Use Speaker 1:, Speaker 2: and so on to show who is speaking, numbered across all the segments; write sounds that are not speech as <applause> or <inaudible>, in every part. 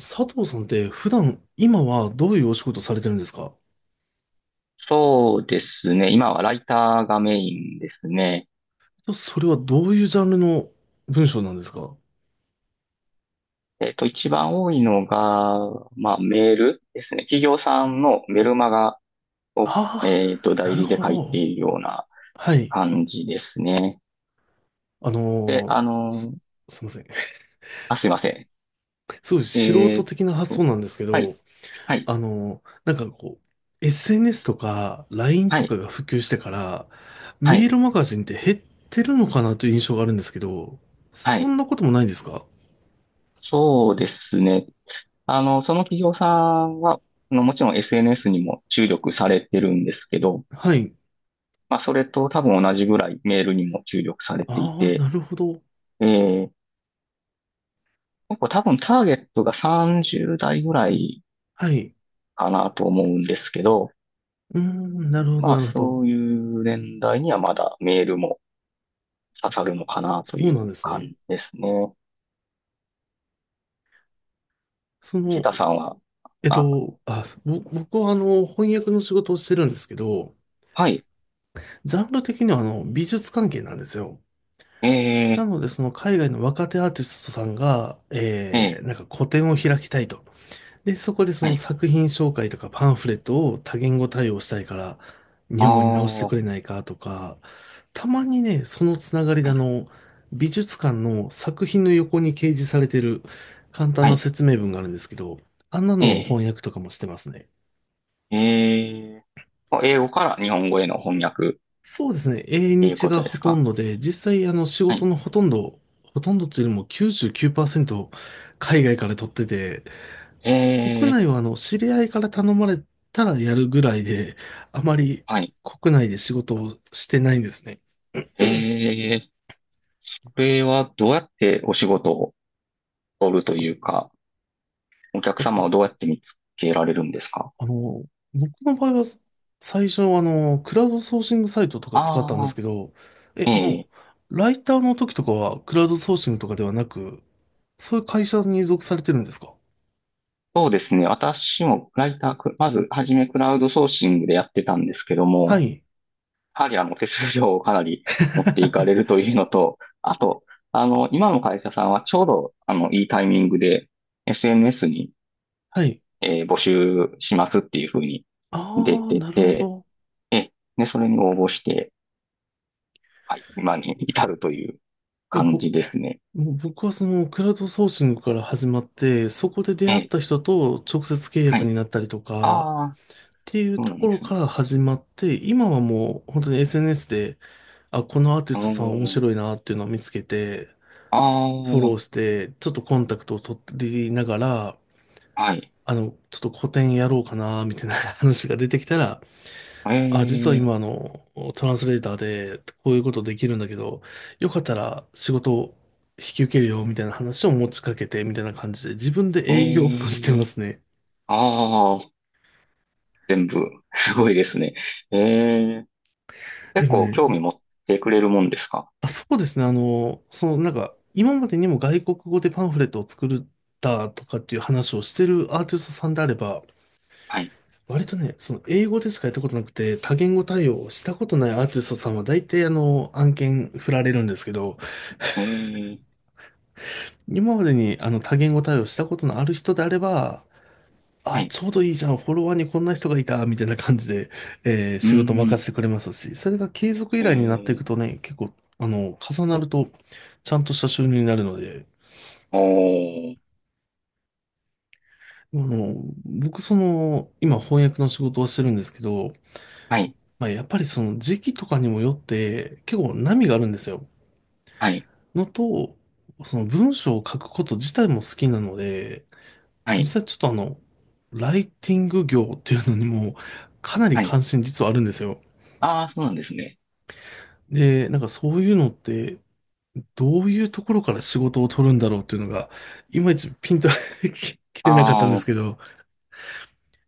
Speaker 1: 佐藤さんって普段、今はどういうお仕事されてるんですか？
Speaker 2: そうですね。今はライターがメインですね。
Speaker 1: それはどういうジャンルの文章なんですか？
Speaker 2: 一番多いのが、まあ、メールですね。企業さんのメルマガを、
Speaker 1: ああー、な
Speaker 2: 代
Speaker 1: る
Speaker 2: 理で
Speaker 1: ほ
Speaker 2: 書いて
Speaker 1: ど。
Speaker 2: いるような
Speaker 1: はい。
Speaker 2: 感じですね。
Speaker 1: あ
Speaker 2: で、
Speaker 1: のーす、すいません。<laughs>
Speaker 2: あ、すいません。
Speaker 1: すごい素
Speaker 2: え
Speaker 1: 人
Speaker 2: っ
Speaker 1: 的な発想
Speaker 2: と、
Speaker 1: なんですけ
Speaker 2: はい、
Speaker 1: ど、
Speaker 2: はい、
Speaker 1: なんかこう、SNS とか LINE
Speaker 2: は
Speaker 1: とか
Speaker 2: い、
Speaker 1: が普及してから、
Speaker 2: は
Speaker 1: メー
Speaker 2: い、
Speaker 1: ルマガジンって減ってるのかなという印象があるんですけど、
Speaker 2: は
Speaker 1: そ
Speaker 2: い。
Speaker 1: んなこともないんですか？
Speaker 2: そうですね。その企業さんは、もちろん SNS にも注力されてるんですけど、
Speaker 1: はい。
Speaker 2: まあ、それと多分同じぐらいメールにも注力されてい
Speaker 1: ああ、
Speaker 2: て、
Speaker 1: なるほど。
Speaker 2: えー、結構多分ターゲットが30代ぐらい
Speaker 1: はい。
Speaker 2: かなと思うんですけど、
Speaker 1: うーん、なるほど、
Speaker 2: ま
Speaker 1: な
Speaker 2: あ、
Speaker 1: るほど。
Speaker 2: そういう年代にはまだメールも刺さるのかな
Speaker 1: そ
Speaker 2: と
Speaker 1: うな
Speaker 2: い
Speaker 1: ん
Speaker 2: う
Speaker 1: です
Speaker 2: 感
Speaker 1: ね。
Speaker 2: じですね。
Speaker 1: そ
Speaker 2: 藤
Speaker 1: の、
Speaker 2: 田さんは、あ、
Speaker 1: あ、僕は翻訳の仕事をしてるんですけど、
Speaker 2: はい、
Speaker 1: ジャンル的には美術関係なんですよ。な
Speaker 2: え
Speaker 1: ので、その海外の若手アーティストさんが、
Speaker 2: ー、えー、
Speaker 1: なんか個展を開きたいと。で、そこでそ
Speaker 2: は
Speaker 1: の
Speaker 2: い、
Speaker 1: 作品紹介とかパンフレットを多言語対応したいから、
Speaker 2: あ
Speaker 1: 日本語に直
Speaker 2: あ
Speaker 1: してく
Speaker 2: は
Speaker 1: れないかとか、たまにね、そのつながりで
Speaker 2: い、
Speaker 1: 美術館の作品の横に掲示されてる簡単
Speaker 2: は
Speaker 1: な
Speaker 2: い、
Speaker 1: 説明文があるんですけど、あんなのの
Speaker 2: え
Speaker 1: 翻訳とかもしてますね。
Speaker 2: ー、え英語から日本語への翻訳っ
Speaker 1: そうですね。英
Speaker 2: ていう
Speaker 1: 日
Speaker 2: こ
Speaker 1: が
Speaker 2: とで
Speaker 1: ほ
Speaker 2: す
Speaker 1: と
Speaker 2: か？
Speaker 1: んどで、実際仕
Speaker 2: は
Speaker 1: 事
Speaker 2: い、
Speaker 1: のほとんど、ほとんどというよりも99%海外から取ってて、
Speaker 2: え
Speaker 1: 国
Speaker 2: ー、
Speaker 1: 内は知り合いから頼まれたらやるぐらいで、あまり
Speaker 2: はい、
Speaker 1: 国内で仕事をしてないんですね。
Speaker 2: えー、これはどうやってお仕事を取るというか、お客様をどうやって見つけられるんですか？
Speaker 1: あの、僕の場合は最初はクラウドソーシングサイトとか使ったんです
Speaker 2: あ
Speaker 1: け
Speaker 2: あ
Speaker 1: ど、え、
Speaker 2: え
Speaker 1: あの、
Speaker 2: え、
Speaker 1: ライターの時とかはクラウドソーシングとかではなく、そういう会社に属されてるんですか？
Speaker 2: そうですね。私もライター、くまずはじめクラウドソーシングでやってたんですけど
Speaker 1: は
Speaker 2: も、
Speaker 1: い。
Speaker 2: やはり手数料をかなり持っていかれる
Speaker 1: <laughs>
Speaker 2: というのと、あと、今の会社さんはちょうどいいタイミングで SNS に、
Speaker 1: はい。
Speaker 2: 募集しますっていうふうに出
Speaker 1: ああ、
Speaker 2: て
Speaker 1: なるほ
Speaker 2: て、
Speaker 1: ど。
Speaker 2: え、で、それに応募して、はい、今に至るという
Speaker 1: いや、
Speaker 2: 感
Speaker 1: ぼ
Speaker 2: じですね。
Speaker 1: もう僕はそのクラウドソーシングから始まって、そこで出
Speaker 2: え
Speaker 1: 会っ
Speaker 2: え、
Speaker 1: た人と直接契
Speaker 2: は
Speaker 1: 約
Speaker 2: い。
Speaker 1: になったりとか、っ
Speaker 2: ああ、
Speaker 1: ていう
Speaker 2: そう
Speaker 1: と
Speaker 2: なん
Speaker 1: こ
Speaker 2: で
Speaker 1: ろ
Speaker 2: す
Speaker 1: か
Speaker 2: ね。
Speaker 1: ら始まって、今はもう本当に SNS で、あ、このアーティ
Speaker 2: あ
Speaker 1: ストさん面
Speaker 2: の
Speaker 1: 白いなっていうのを見つけて、
Speaker 2: ああ、
Speaker 1: フォローして、ちょっとコンタクトを取りながら、
Speaker 2: はい。
Speaker 1: ちょっと個展やろうかな、みたいな話が出てきたら、
Speaker 2: え
Speaker 1: あ、実は
Speaker 2: え、
Speaker 1: 今、トランスレーターで、こういうことできるんだけど、よかったら仕事を引き受けるよ、みたいな話を持ちかけて、みたいな感じで、自分で営業もしてま
Speaker 2: ええ、
Speaker 1: すね。
Speaker 2: ああ、全部、すごいですね。ええ、
Speaker 1: で
Speaker 2: 結
Speaker 1: も
Speaker 2: 構
Speaker 1: ね、
Speaker 2: 興味持ってくれるもんですか？
Speaker 1: あ、そうですね、その、なんか、今までにも外国語でパンフレットを作ったとかっていう話をしてるアーティストさんであれば、
Speaker 2: はい。
Speaker 1: 割とね、その英語でしかやったことなくて、多言語対応をしたことないアーティストさんは大体案件振られるんですけど、
Speaker 2: ええ、
Speaker 1: 今までに多言語対応したことのある人であれば、
Speaker 2: は
Speaker 1: あ、
Speaker 2: い。
Speaker 1: ちょうどいいじゃん、フォロワーにこんな人がいた、みたいな感じで、
Speaker 2: う
Speaker 1: 仕事任
Speaker 2: ん、
Speaker 1: せてくれますし、それが継続依
Speaker 2: え
Speaker 1: 頼になっていく
Speaker 2: え、
Speaker 1: とね、結構、重なると、ちゃんとした収入になるので、
Speaker 2: おー、
Speaker 1: あの、僕、その、今翻訳の仕事をしてるんですけど、
Speaker 2: はい、
Speaker 1: まあ、やっぱりその時期とかにもよって、結構波があるんですよ。
Speaker 2: はい、
Speaker 1: のと、その文章を書くこと自体も好きなので、
Speaker 2: は
Speaker 1: 実
Speaker 2: い、
Speaker 1: 際ちょっとライティング業っていうのにも、かなり
Speaker 2: はい。
Speaker 1: 関心実はあるんですよ。
Speaker 2: ああ、そうなんですね。
Speaker 1: で、なんかそういうのって、どういうところから仕事を取るんだろうっていうのが、いまいちピンと <laughs> 来てなかった
Speaker 2: あ
Speaker 1: んですけ
Speaker 2: あ、
Speaker 1: ど、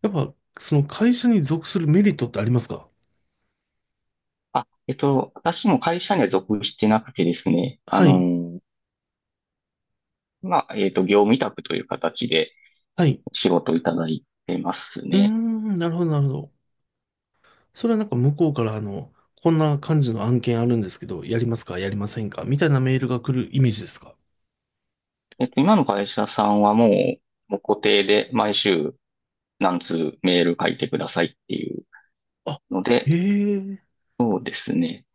Speaker 1: やっぱその会社に属するメリットってありますか？
Speaker 2: あ、私も会社には属してなくてですね、
Speaker 1: はい。
Speaker 2: まあ、業務委託という形で
Speaker 1: はい。
Speaker 2: 仕事をいただいてます
Speaker 1: うー
Speaker 2: ね。
Speaker 1: ん、なるほど、なるほど。それはなんか向こうからこんな感じの案件あるんですけど、やりますか、やりませんかみたいなメールが来るイメージですか？
Speaker 2: 今の会社さんはもう、もう固定で毎週何通メール書いてくださいっていうので、
Speaker 1: あ、ええ
Speaker 2: そうですね。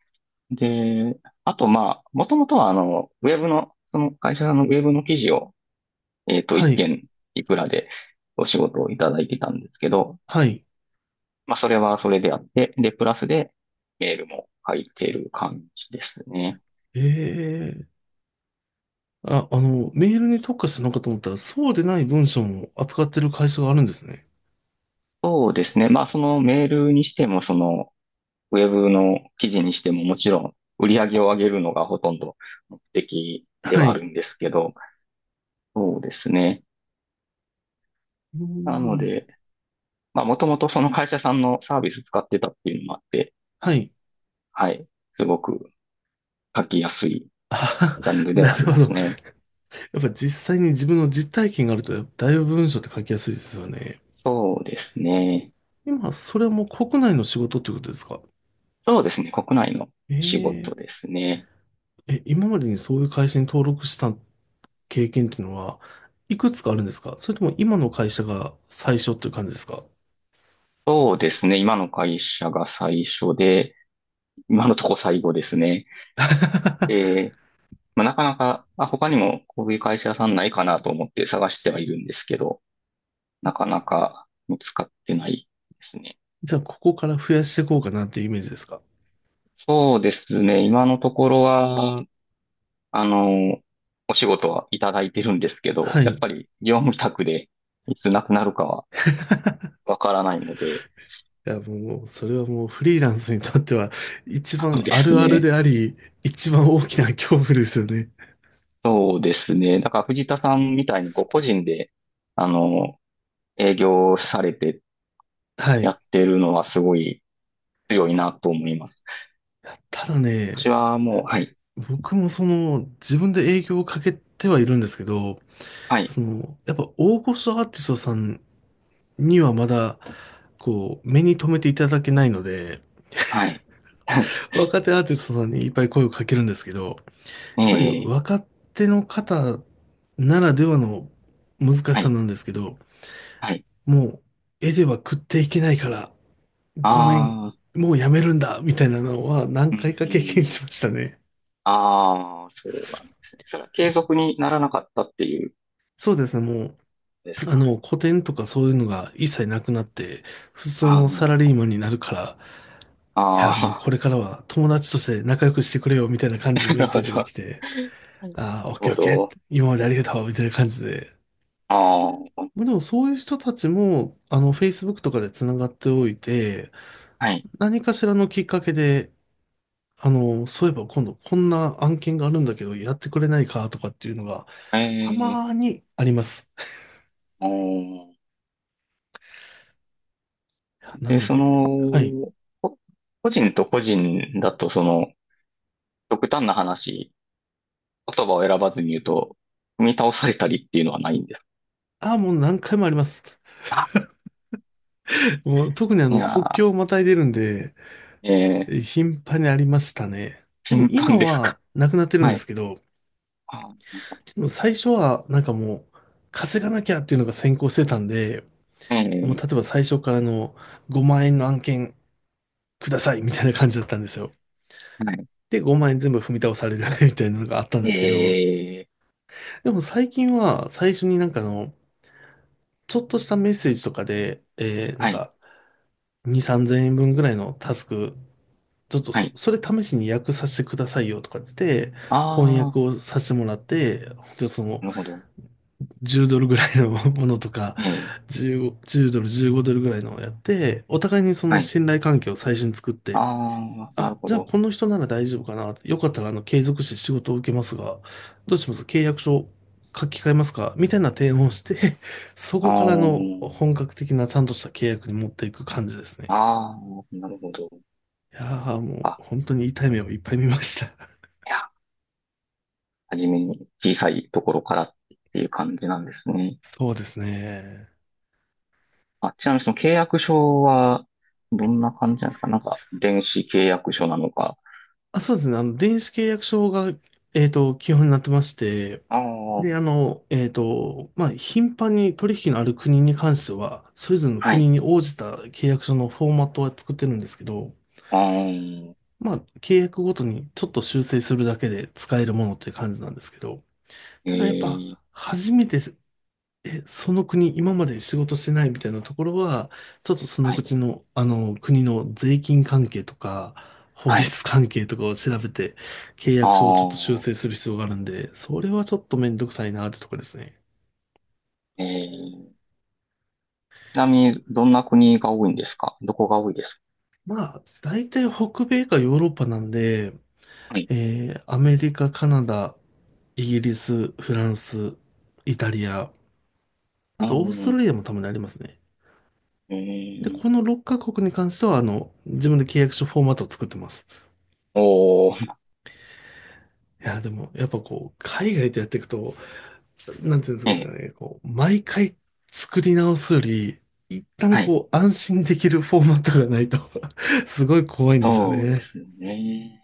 Speaker 2: で、あと、まあ、もともとは、あの、ウェブの、その会社さんのウェブの記事を、
Speaker 1: は
Speaker 2: 一
Speaker 1: い。
Speaker 2: 件いくらでお仕事をいただいてたんですけど、
Speaker 1: はい。
Speaker 2: まあ、それはそれであって、で、プラスで、メールも入ってる感じですね。
Speaker 1: ええ。あ、メールに特化するのかと思ったら、そうでない文章も扱ってる会社があるんですね。
Speaker 2: そうですね。まあ、そのメールにしても、その、ウェブの記事にしても、もちろん、売り上げを上げるのがほとんど目的で
Speaker 1: は
Speaker 2: はある
Speaker 1: い。
Speaker 2: んですけど、そうですね。
Speaker 1: うー
Speaker 2: なの
Speaker 1: ん。
Speaker 2: で、まあ、もともとその会社さんのサービス使ってたっていうのもあって、
Speaker 1: はい。
Speaker 2: はい、すごく書きやすい
Speaker 1: あ、
Speaker 2: ジャン
Speaker 1: <laughs>
Speaker 2: ルで
Speaker 1: な
Speaker 2: はあ
Speaker 1: る
Speaker 2: り
Speaker 1: ほ
Speaker 2: ます
Speaker 1: ど。
Speaker 2: ね。
Speaker 1: やっぱ実際に自分の実体験があると、だいぶ文章って書きやすいですよね。
Speaker 2: そうですね。
Speaker 1: 今、それはもう国内の仕事ってことですか？
Speaker 2: そうですね。国内の仕
Speaker 1: え
Speaker 2: 事
Speaker 1: え。
Speaker 2: ですね。
Speaker 1: 今までにそういう会社に登録した経験っていうのは、いくつかあるんですか？それとも今の会社が最初っていう感じですか？
Speaker 2: そうですね。今の会社が最初で、今のとこ最後ですね。
Speaker 1: <laughs>
Speaker 2: えまあ、なかなか、あ、他にもこういう会社さんないかなと思って探してはいるんですけど、なかなか見つかってないですね。
Speaker 1: じゃあ、ここから増やしていこうかなっていうイメージですか？
Speaker 2: そうですね。今のところは、あの、お仕事はいただいてるんですけど、
Speaker 1: はい。
Speaker 2: やっ
Speaker 1: い
Speaker 2: ぱり業務委託でいつなくなるかはわからないので、
Speaker 1: や、もう、それはもうフリーランスにとっては一
Speaker 2: そう
Speaker 1: 番
Speaker 2: で
Speaker 1: あ
Speaker 2: す
Speaker 1: るある
Speaker 2: ね。
Speaker 1: であり、一番大きな恐怖ですよね。
Speaker 2: そうですね。だから藤田さんみたいにこう個人で、あの、営業されて
Speaker 1: はい。
Speaker 2: や
Speaker 1: い
Speaker 2: ってるのはすごい強いなと思います。
Speaker 1: やただ
Speaker 2: 私
Speaker 1: ね、
Speaker 2: はもう、はい、
Speaker 1: 僕もその、自分で営業をかけてはいるんですけど、
Speaker 2: はい、
Speaker 1: その、やっぱ大御所アーティストさんにはまだ、こう、目に留めていただけないので、
Speaker 2: はい。<laughs>
Speaker 1: 若手アーティストさんにいっぱい声をかけるんですけど、や
Speaker 2: え
Speaker 1: っぱり
Speaker 2: え、
Speaker 1: 若手の方ならではの難し
Speaker 2: は
Speaker 1: さ
Speaker 2: い、
Speaker 1: なんですけど、
Speaker 2: はい。
Speaker 1: もう絵では食っていけないから、ごめん、
Speaker 2: ああ、
Speaker 1: もうやめるんだ、みたいなのは何
Speaker 2: う
Speaker 1: 回か経験
Speaker 2: ん、
Speaker 1: しましたね。
Speaker 2: ああ、そうなんですね。それは継続にならなかったっていうん
Speaker 1: そうですね、もう、
Speaker 2: ですか？
Speaker 1: 古典とかそういうのが一切なくなって、普通
Speaker 2: あ
Speaker 1: のサ
Speaker 2: の、
Speaker 1: ラリーマンになるから、いや、もう
Speaker 2: あ
Speaker 1: これからは友達として仲良くしてくれよ、みたいな
Speaker 2: あ、
Speaker 1: 感じ
Speaker 2: <laughs>
Speaker 1: のメッ
Speaker 2: なる
Speaker 1: セ
Speaker 2: ほ
Speaker 1: ージが
Speaker 2: ど。
Speaker 1: 来て、
Speaker 2: なる
Speaker 1: ああ、オッケー
Speaker 2: ほ
Speaker 1: オッケ
Speaker 2: ど。
Speaker 1: ー、今までありがとう、みたいな感じで、
Speaker 2: ああ、
Speaker 1: まあでもそういう人たちも、Facebook とかでつながっておいて、
Speaker 2: はい。
Speaker 1: 何かしらのきっかけで、そういえば今度こんな案件があるんだけど、やってくれないかとかっていうのが、
Speaker 2: え
Speaker 1: た
Speaker 2: え、
Speaker 1: まーにあります。
Speaker 2: おー
Speaker 1: な
Speaker 2: で、
Speaker 1: の
Speaker 2: そ
Speaker 1: で、はい。
Speaker 2: の、こ個人と個人だと、その、極端な話、言葉を選ばずに言うと、踏み倒されたりっていうのはないんですか？
Speaker 1: ああ、もう何回もあります。
Speaker 2: あ、
Speaker 1: もう特に
Speaker 2: い
Speaker 1: 国
Speaker 2: や
Speaker 1: 境をまたいでるんで、
Speaker 2: ー、
Speaker 1: 頻繁にありましたね。でも
Speaker 2: 頻
Speaker 1: 今
Speaker 2: 繁です
Speaker 1: は
Speaker 2: か？
Speaker 1: なくなってるん
Speaker 2: は
Speaker 1: で
Speaker 2: い。
Speaker 1: すけど、
Speaker 2: あ、
Speaker 1: でも最初はなんかもう、稼がなきゃっていうのが先行してたんで、
Speaker 2: え
Speaker 1: もう例
Speaker 2: ー、
Speaker 1: えば最初からの5万円の案件くださいみたいな感じだったんですよ。
Speaker 2: はい。
Speaker 1: で、5万円全部踏み倒される <laughs> みたいなのがあったんで
Speaker 2: え
Speaker 1: すけど、
Speaker 2: ー、
Speaker 1: でも最近は最初になんかちょっとしたメッセージとかで、なん
Speaker 2: はい、
Speaker 1: か2、3000円分ぐらいのタスク、ちょっと
Speaker 2: は
Speaker 1: そ、
Speaker 2: い。
Speaker 1: それ試しに訳させてくださいよとかって言って、翻
Speaker 2: あ
Speaker 1: 訳をさせてもらって、本当にそ
Speaker 2: ー、
Speaker 1: の、
Speaker 2: なるほど。
Speaker 1: 10ドルぐらいの <laughs> ものとか、
Speaker 2: えー、
Speaker 1: 15、10ドル、15ドルぐらいのをやって、お互いにその
Speaker 2: はい。
Speaker 1: 信頼関係を最初に作って、
Speaker 2: あー、な
Speaker 1: あ、
Speaker 2: るほ
Speaker 1: じゃあ
Speaker 2: ど。
Speaker 1: この人なら大丈夫かな。よかったら継続して仕事を受けますが、どうします？契約書書き換えますか？みたいな提案をして、<laughs> そ
Speaker 2: あ
Speaker 1: こからの
Speaker 2: ー、
Speaker 1: 本格的なちゃんとした契約に持っていく感じですね。
Speaker 2: あー、なるほど。
Speaker 1: いやーもう
Speaker 2: あ、
Speaker 1: 本当に痛い目をいっぱい見ました。
Speaker 2: いや、はじめに小さいところからっていう感じなんですね。
Speaker 1: <laughs> そうですね。
Speaker 2: あ、ちなみにその契約書は、どんな感じなんですか？なんか、電子契約書なのか。
Speaker 1: あ、そうですね。電子契約書が、基本になってまして、
Speaker 2: ああ、
Speaker 1: で、まあ、頻繁に取引のある国に関しては、それぞれの
Speaker 2: はい。
Speaker 1: 国に応じた契約書のフォーマットは作ってるんですけど、
Speaker 2: あー、
Speaker 1: まあ、契約ごとにちょっと修正するだけで使えるものっていう感じなんですけど、
Speaker 2: え
Speaker 1: ただやっぱ、
Speaker 2: ー、
Speaker 1: 初めて、その国、今まで仕事してないみたいなところは、ちょっとその
Speaker 2: はい。
Speaker 1: 口の、国の税金関係とか、法
Speaker 2: はい。
Speaker 1: 律関係とかを調べて、契
Speaker 2: あ
Speaker 1: 約書をちょっと修
Speaker 2: ー、
Speaker 1: 正する必要があるんで、それはちょっとめんどくさいなってとこですね。
Speaker 2: えー、ちなみに、どんな国が多いんですか？どこが多いですか？
Speaker 1: まあ、大体北米かヨーロッパなんで、
Speaker 2: はい。
Speaker 1: アメリカ、カナダ、イギリス、フランス、イタリア、あ
Speaker 2: うー
Speaker 1: と、オーストラ
Speaker 2: ん、
Speaker 1: リアもたまにありますね。
Speaker 2: え
Speaker 1: で、
Speaker 2: ー、
Speaker 1: この6カ国に関しては、自分で契約書フォーマットを作ってます。
Speaker 2: おー、
Speaker 1: いや、でも、やっぱこう、海外でやっていくと、なんていうんで
Speaker 2: え
Speaker 1: す
Speaker 2: ー、
Speaker 1: かね、こう、毎回作り直すより、一旦
Speaker 2: はい。
Speaker 1: こう、安心できるフォーマットがないと <laughs> すごい怖いんですよ
Speaker 2: そうで
Speaker 1: ね。
Speaker 2: すね。